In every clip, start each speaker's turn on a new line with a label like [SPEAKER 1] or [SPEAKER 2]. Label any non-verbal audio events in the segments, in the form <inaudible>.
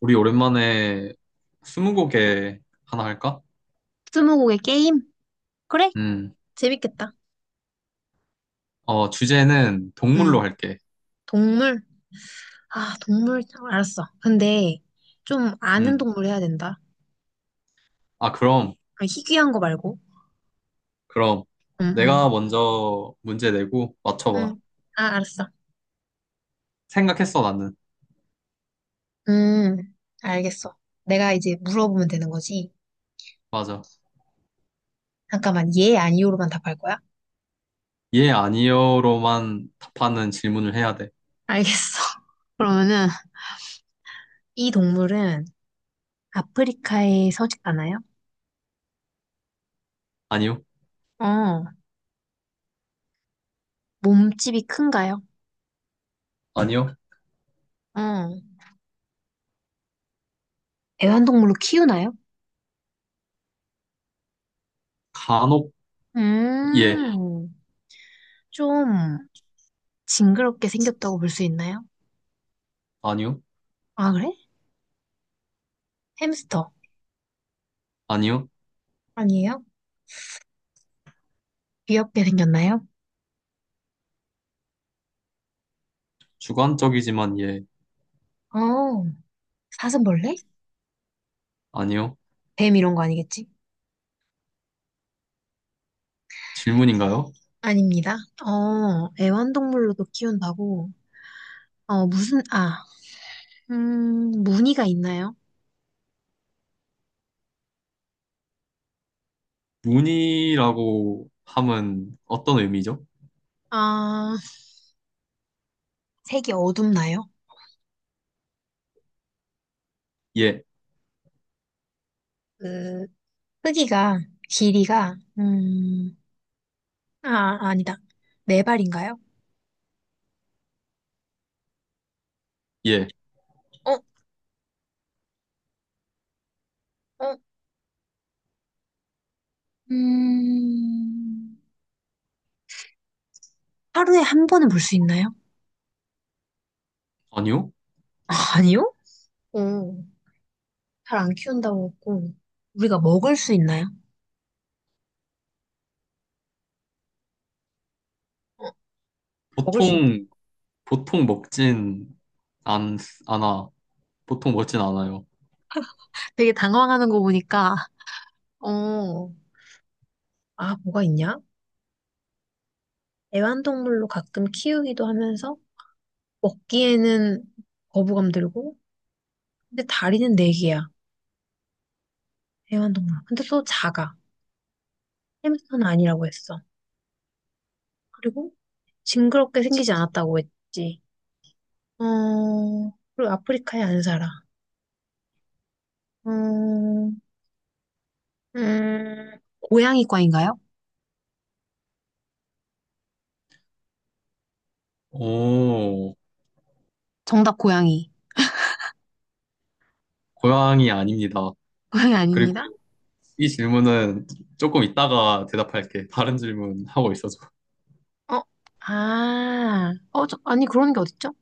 [SPEAKER 1] 우리 오랜만에 스무고개 하나 할까?
[SPEAKER 2] 스무고개 게임? 그래?
[SPEAKER 1] 음,
[SPEAKER 2] 재밌겠다.
[SPEAKER 1] 주제는 동물로
[SPEAKER 2] 음
[SPEAKER 1] 할게.
[SPEAKER 2] 동물? 아, 동물. 알았어. 근데 좀 아는
[SPEAKER 1] 음,
[SPEAKER 2] 동물 해야 된다.
[SPEAKER 1] 아, 그럼,
[SPEAKER 2] 아, 희귀한 거 말고.
[SPEAKER 1] 그럼.
[SPEAKER 2] 응,
[SPEAKER 1] 내가
[SPEAKER 2] 응.
[SPEAKER 1] 먼저 문제 내고 맞춰봐.
[SPEAKER 2] 응. 아, 알았어.
[SPEAKER 1] 생각했어, 나는.
[SPEAKER 2] 음, 알겠어. 내가 이제 물어보면 되는 거지.
[SPEAKER 1] 맞아.
[SPEAKER 2] 잠깐만, 예, 아니오로만 답할 거야?
[SPEAKER 1] 예, 아니요로만 답하는 질문을 해야 돼.
[SPEAKER 2] 알겠어. <laughs> 그러면은, 이 동물은 아프리카에 서식하나요?
[SPEAKER 1] 아니요?
[SPEAKER 2] 어, 몸집이 큰가요?
[SPEAKER 1] 아니요?
[SPEAKER 2] 어. 애완동물로 키우나요?
[SPEAKER 1] 간혹, 예.
[SPEAKER 2] 음, 좀 징그럽게 생겼다고 볼 수 있나요?
[SPEAKER 1] 아니요?
[SPEAKER 2] 아, 그래? 햄스터.
[SPEAKER 1] 아니요?
[SPEAKER 2] 아니에요? 귀엽게 생겼나요?
[SPEAKER 1] 주관적이지만 예.
[SPEAKER 2] 어, 사슴벌레?
[SPEAKER 1] 아니요?
[SPEAKER 2] 뱀 이런 거 아니겠지?
[SPEAKER 1] 질문인가요?
[SPEAKER 2] 아닙니다. 어, 애완동물로도 키운다고? 어, 무슨, 아, 무늬가 있나요?
[SPEAKER 1] 문이라고 함은 어떤 의미죠?
[SPEAKER 2] 아, 색이 어둡나요?
[SPEAKER 1] 예,
[SPEAKER 2] 그, 크기가, 길이가, 아, 아니다. 네 발인가요?
[SPEAKER 1] 예.
[SPEAKER 2] 어, 어, 음, 하루에 한 번은 볼 수 있나요?
[SPEAKER 1] 아니요?
[SPEAKER 2] 아, 아니요? 오. 잘 안 키운다고 했고, 우리가 먹을 수 있나요? 어, 먹을 수 있나요?
[SPEAKER 1] 보통 보통 먹진 안, 않아. 보통 먹진 않아요.
[SPEAKER 2] 되게 당황하는 거 보니까, 어, 아, 뭐가 있냐? 애완동물로 가끔 키우기도 하면서, 먹기에는 거부감 들고, 근데 다리는 네 개야, 애완동물. 근데 또 작아. 햄스터는 아니라고 했어. 그리고 징그럽게 생기지 않았다고 했지. 어, 그리고 아프리카에 안 살아. 음, 고양이과인가요?
[SPEAKER 1] 오,
[SPEAKER 2] 정답 고양이.
[SPEAKER 1] 고양이 아닙니다.
[SPEAKER 2] 고양이
[SPEAKER 1] 그리고
[SPEAKER 2] 아닙니다.
[SPEAKER 1] 이 질문은 조금 이따가 대답할게. 다른 질문 하고 있어서.
[SPEAKER 2] 어, 아, 어, 저, 아니, 그런 게 어딨죠?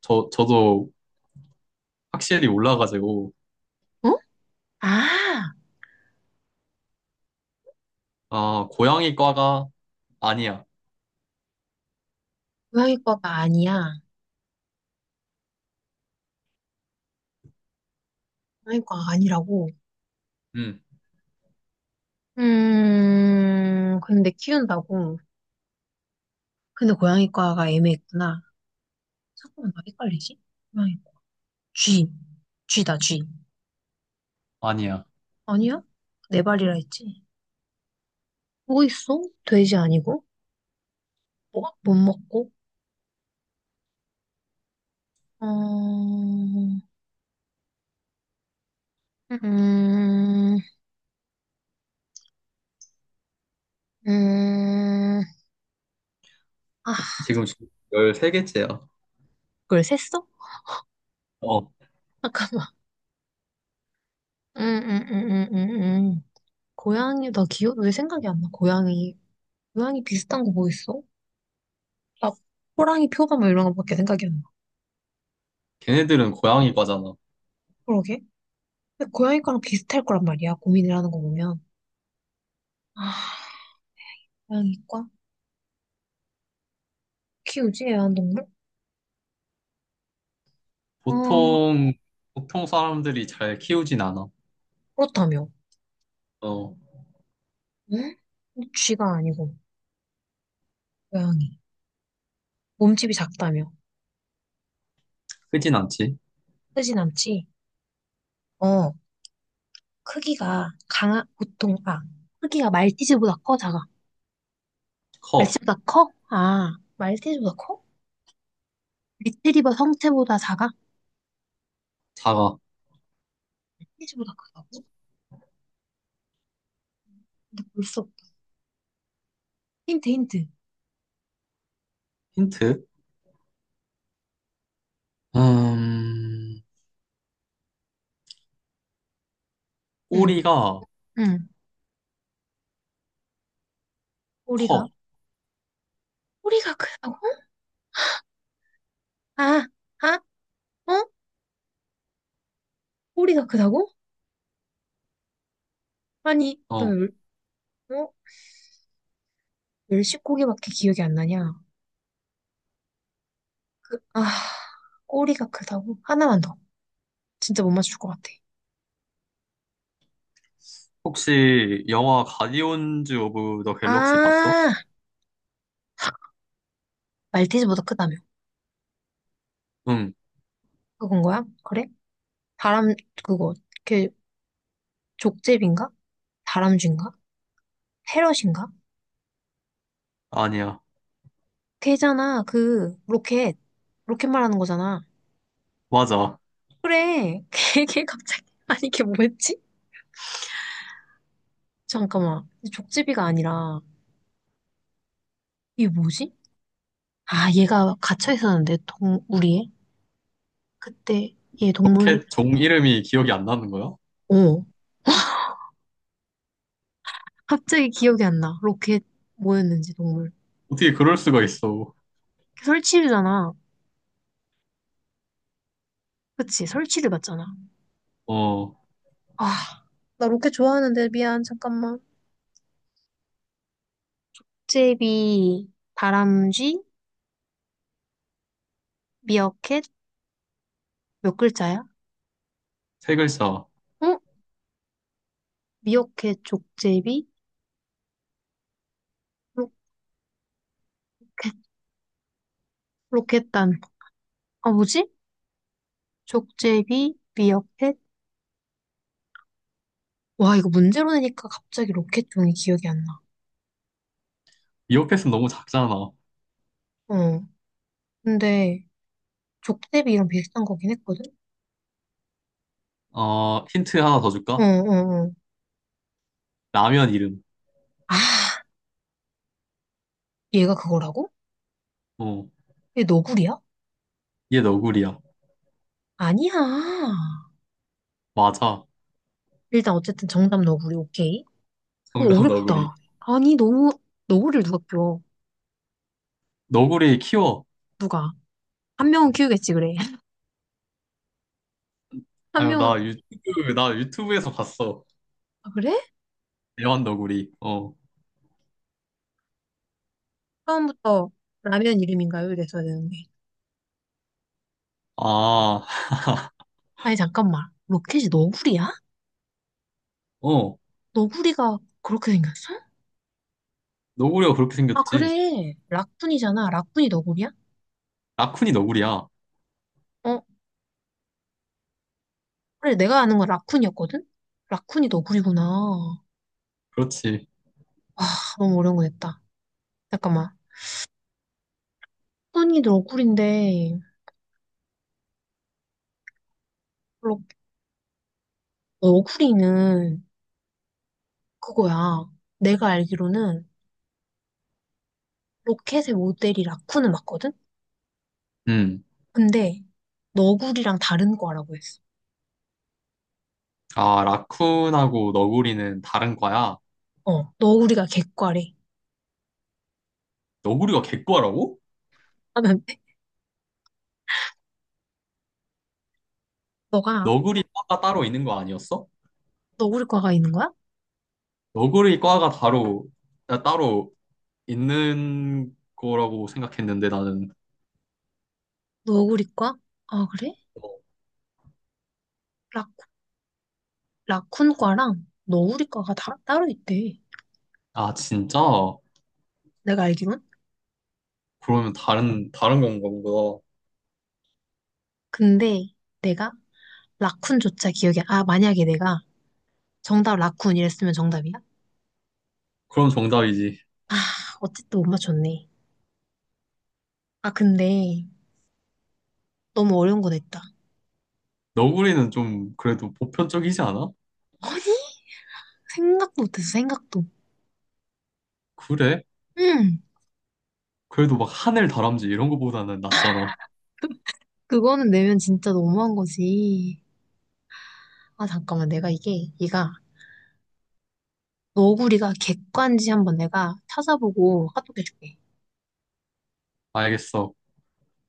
[SPEAKER 1] 저도 확실히 몰라가지고.
[SPEAKER 2] 어? 아,
[SPEAKER 1] 아, 고양이 과가 아니야.
[SPEAKER 2] 고양이과가 아니야. 고양이과가 아니라고.
[SPEAKER 1] 응,
[SPEAKER 2] 근데 키운다고. 근데 고양이과가 애매했구나. 잠깐만, 나 헷갈리지? 고양이과. 쥐. 쥐다, 쥐.
[SPEAKER 1] 아니야.
[SPEAKER 2] 아니야? 네 발이라 했지. 뭐 있어? 돼지 아니고? 뭐? 못 먹고? 어, 음, 음, 음. 아,
[SPEAKER 1] 지금 13개째야.
[SPEAKER 2] 그걸 셌어?
[SPEAKER 1] 어,
[SPEAKER 2] 아까, 음, 음, 음, 음, 음. 음. 고양이, 나 기억, 왜 생각이 안 나? 고양이. 고양이 비슷한 거 뭐 있어? 나 호랑이 표범 뭐 이런 거밖에 생각이 안 나.
[SPEAKER 1] 걔네들은 고양이 과잖아.
[SPEAKER 2] 그러게. 근데 고양이 과랑 비슷할 거란 말이야. 고민을 하는 거 보면. 아, 고양이과? 키우지? 애완동물? 어,
[SPEAKER 1] 보통, 보통 사람들이 잘 키우진 않아.
[SPEAKER 2] 그렇다며.
[SPEAKER 1] 어,
[SPEAKER 2] 응? 쥐가 아니고, 고양이. 몸집이 작다며.
[SPEAKER 1] 크진 않지.
[SPEAKER 2] 크진 않지? 어, 크기가 강한, 보통, 아, 크기가 말티즈보다 커, 작아?
[SPEAKER 1] 커,
[SPEAKER 2] 말티즈보다 커? 아, 말티즈보다 커? 리트리버 성체보다 작아?
[SPEAKER 1] 작아.
[SPEAKER 2] 말티즈보다 크다고? 근데 벌써 힌트 힌트.
[SPEAKER 1] 힌트? 음,
[SPEAKER 2] 응,
[SPEAKER 1] 꼬리가
[SPEAKER 2] 응. 꼬리가
[SPEAKER 1] 커.
[SPEAKER 2] 꼬리가 크다고? 아, 아, 어? 꼬리가 크다고? 아니, 너
[SPEAKER 1] 어.
[SPEAKER 2] 열, 어? 열시고기밖에 기억이 안 나냐? 아, 꼬리가 크다고? 하나만 더. 진짜 못 맞출 것 같아.
[SPEAKER 1] 혹시 영화 가디언즈 오브 더 갤럭시 봤어?
[SPEAKER 2] 아, 말티즈보다 크다며.
[SPEAKER 1] 응,
[SPEAKER 2] 그건 거야? 그래? 다람 그거 걔 족제비인가? 다람쥐인가? 패럿인가?
[SPEAKER 1] 아니야.
[SPEAKER 2] 걔잖아. 그 로켓 말하는 거잖아.
[SPEAKER 1] 맞아.
[SPEAKER 2] 그래. <laughs> 걔 갑자기 아니 걔 뭐였지? 잠깐만. 족제비가 아니라, 이게 뭐지? 아, 얘가 갇혀 있었는데, 동, 우리에? 그때, 얘 동물,
[SPEAKER 1] 로켓 종 이름이 기억이 안 나는 거야?
[SPEAKER 2] 어. 갑자기 기억이 안 나. 로켓, 뭐였는지, 동물.
[SPEAKER 1] 어떻게 그럴 수가 있어.
[SPEAKER 2] 설치류잖아. 그치, 설치류 맞잖아.
[SPEAKER 1] 어,
[SPEAKER 2] 아, 나 로켓 좋아하는데, 미안, 잠깐만. 족제비, 다람쥐, 미어캣, 몇 글자야?
[SPEAKER 1] 세 글자.
[SPEAKER 2] 어? 미어캣, 족제비, 로켓, 로켓단. 아, 뭐지? 족제비, 미어캣, 와, 이거 문제로 내니까 갑자기 로켓종이 기억이 안 나.
[SPEAKER 1] 이오패스 너무 작잖아.
[SPEAKER 2] 어. 근데 족대비랑 비슷한 거긴 했거든?
[SPEAKER 1] 힌트 하나 더
[SPEAKER 2] 어,
[SPEAKER 1] 줄까?
[SPEAKER 2] 어, 어.
[SPEAKER 1] 라면 이름.
[SPEAKER 2] 아, 얘가 그거라고?
[SPEAKER 1] 어,
[SPEAKER 2] 얘 너구리야?
[SPEAKER 1] 얘 너구리야.
[SPEAKER 2] 아니야.
[SPEAKER 1] 맞아.
[SPEAKER 2] 일단 어쨌든 정답 너구리, 오케이. 어,
[SPEAKER 1] 정답 너구리.
[SPEAKER 2] 어렵다. 아니, 너무, 너구리를 누가 키워?
[SPEAKER 1] 너구리 키워.
[SPEAKER 2] 누가? 한 명은 키우겠지, 그래. <laughs> 한
[SPEAKER 1] 아유,
[SPEAKER 2] 명은,
[SPEAKER 1] 나 유튜브에서 봤어.
[SPEAKER 2] 아, 그래?
[SPEAKER 1] 애완 너구리. 어.
[SPEAKER 2] 처음부터 라면 이름인가요? 이랬어야 되는데.
[SPEAKER 1] 아, <laughs>
[SPEAKER 2] 아니, 잠깐만. 로켓이 너구리야?
[SPEAKER 1] 어.
[SPEAKER 2] 너구리가 그렇게 생겼어?
[SPEAKER 1] 너구리가 그렇게
[SPEAKER 2] 아,
[SPEAKER 1] 생겼지.
[SPEAKER 2] 그래. 락군이잖아. 락군이 너구리야?
[SPEAKER 1] 라쿤이 너구리야.
[SPEAKER 2] 어? 그래, 내가 아는 건 라쿤이었거든? 라쿤이 너구리구나. 와,
[SPEAKER 1] 그렇지.
[SPEAKER 2] 너무 어려운 거 냈다. 잠깐만. 소니 너구리인데, 로- 너구리는 그거야. 내가 알기로는 로켓의 모델이 라쿤은 맞거든?
[SPEAKER 1] 음.
[SPEAKER 2] 근데 너구리랑 다른 과라고 했어.
[SPEAKER 1] 아, 라쿤하고 너구리는 다른 과야.
[SPEAKER 2] 어, 너구리가 개과래
[SPEAKER 1] 너구리가 개과라고?
[SPEAKER 2] 하면 <laughs> 너가
[SPEAKER 1] 너구리 과가 따로 있는 거 아니었어?
[SPEAKER 2] 너구리과가 있는 거야?
[SPEAKER 1] 너구리 과가 따로 있는 거라고 생각했는데 나는.
[SPEAKER 2] 너구리과? 아, 그래? 라, 라쿤과랑 너구리과가 따로 있대.
[SPEAKER 1] 아, 진짜?
[SPEAKER 2] 내가 알기론?
[SPEAKER 1] 그러면 다른 건가 보다.
[SPEAKER 2] 근데 내가 라쿤조차 기억이, 아, 만약에 내가 정답 라쿤 이랬으면 정답이야?
[SPEAKER 1] 그럼 정답이지.
[SPEAKER 2] 아, 어쨌든 못 맞췄네. 아, 근데 너무 어려운 거 냈다.
[SPEAKER 1] 너구리는 좀 그래도 보편적이지 않아?
[SPEAKER 2] 아니? 생각도 못했어, 생각도.
[SPEAKER 1] 그래?
[SPEAKER 2] 음,
[SPEAKER 1] 그래도 막 하늘 다람쥐 이런 거보다는 낫잖아.
[SPEAKER 2] 그거는 내면 진짜 너무한 거지. 아, 잠깐만, 내가 이게, 얘가, 너구리가 객관지 한번 내가 찾아보고 카톡 해줄게.
[SPEAKER 1] 알겠어.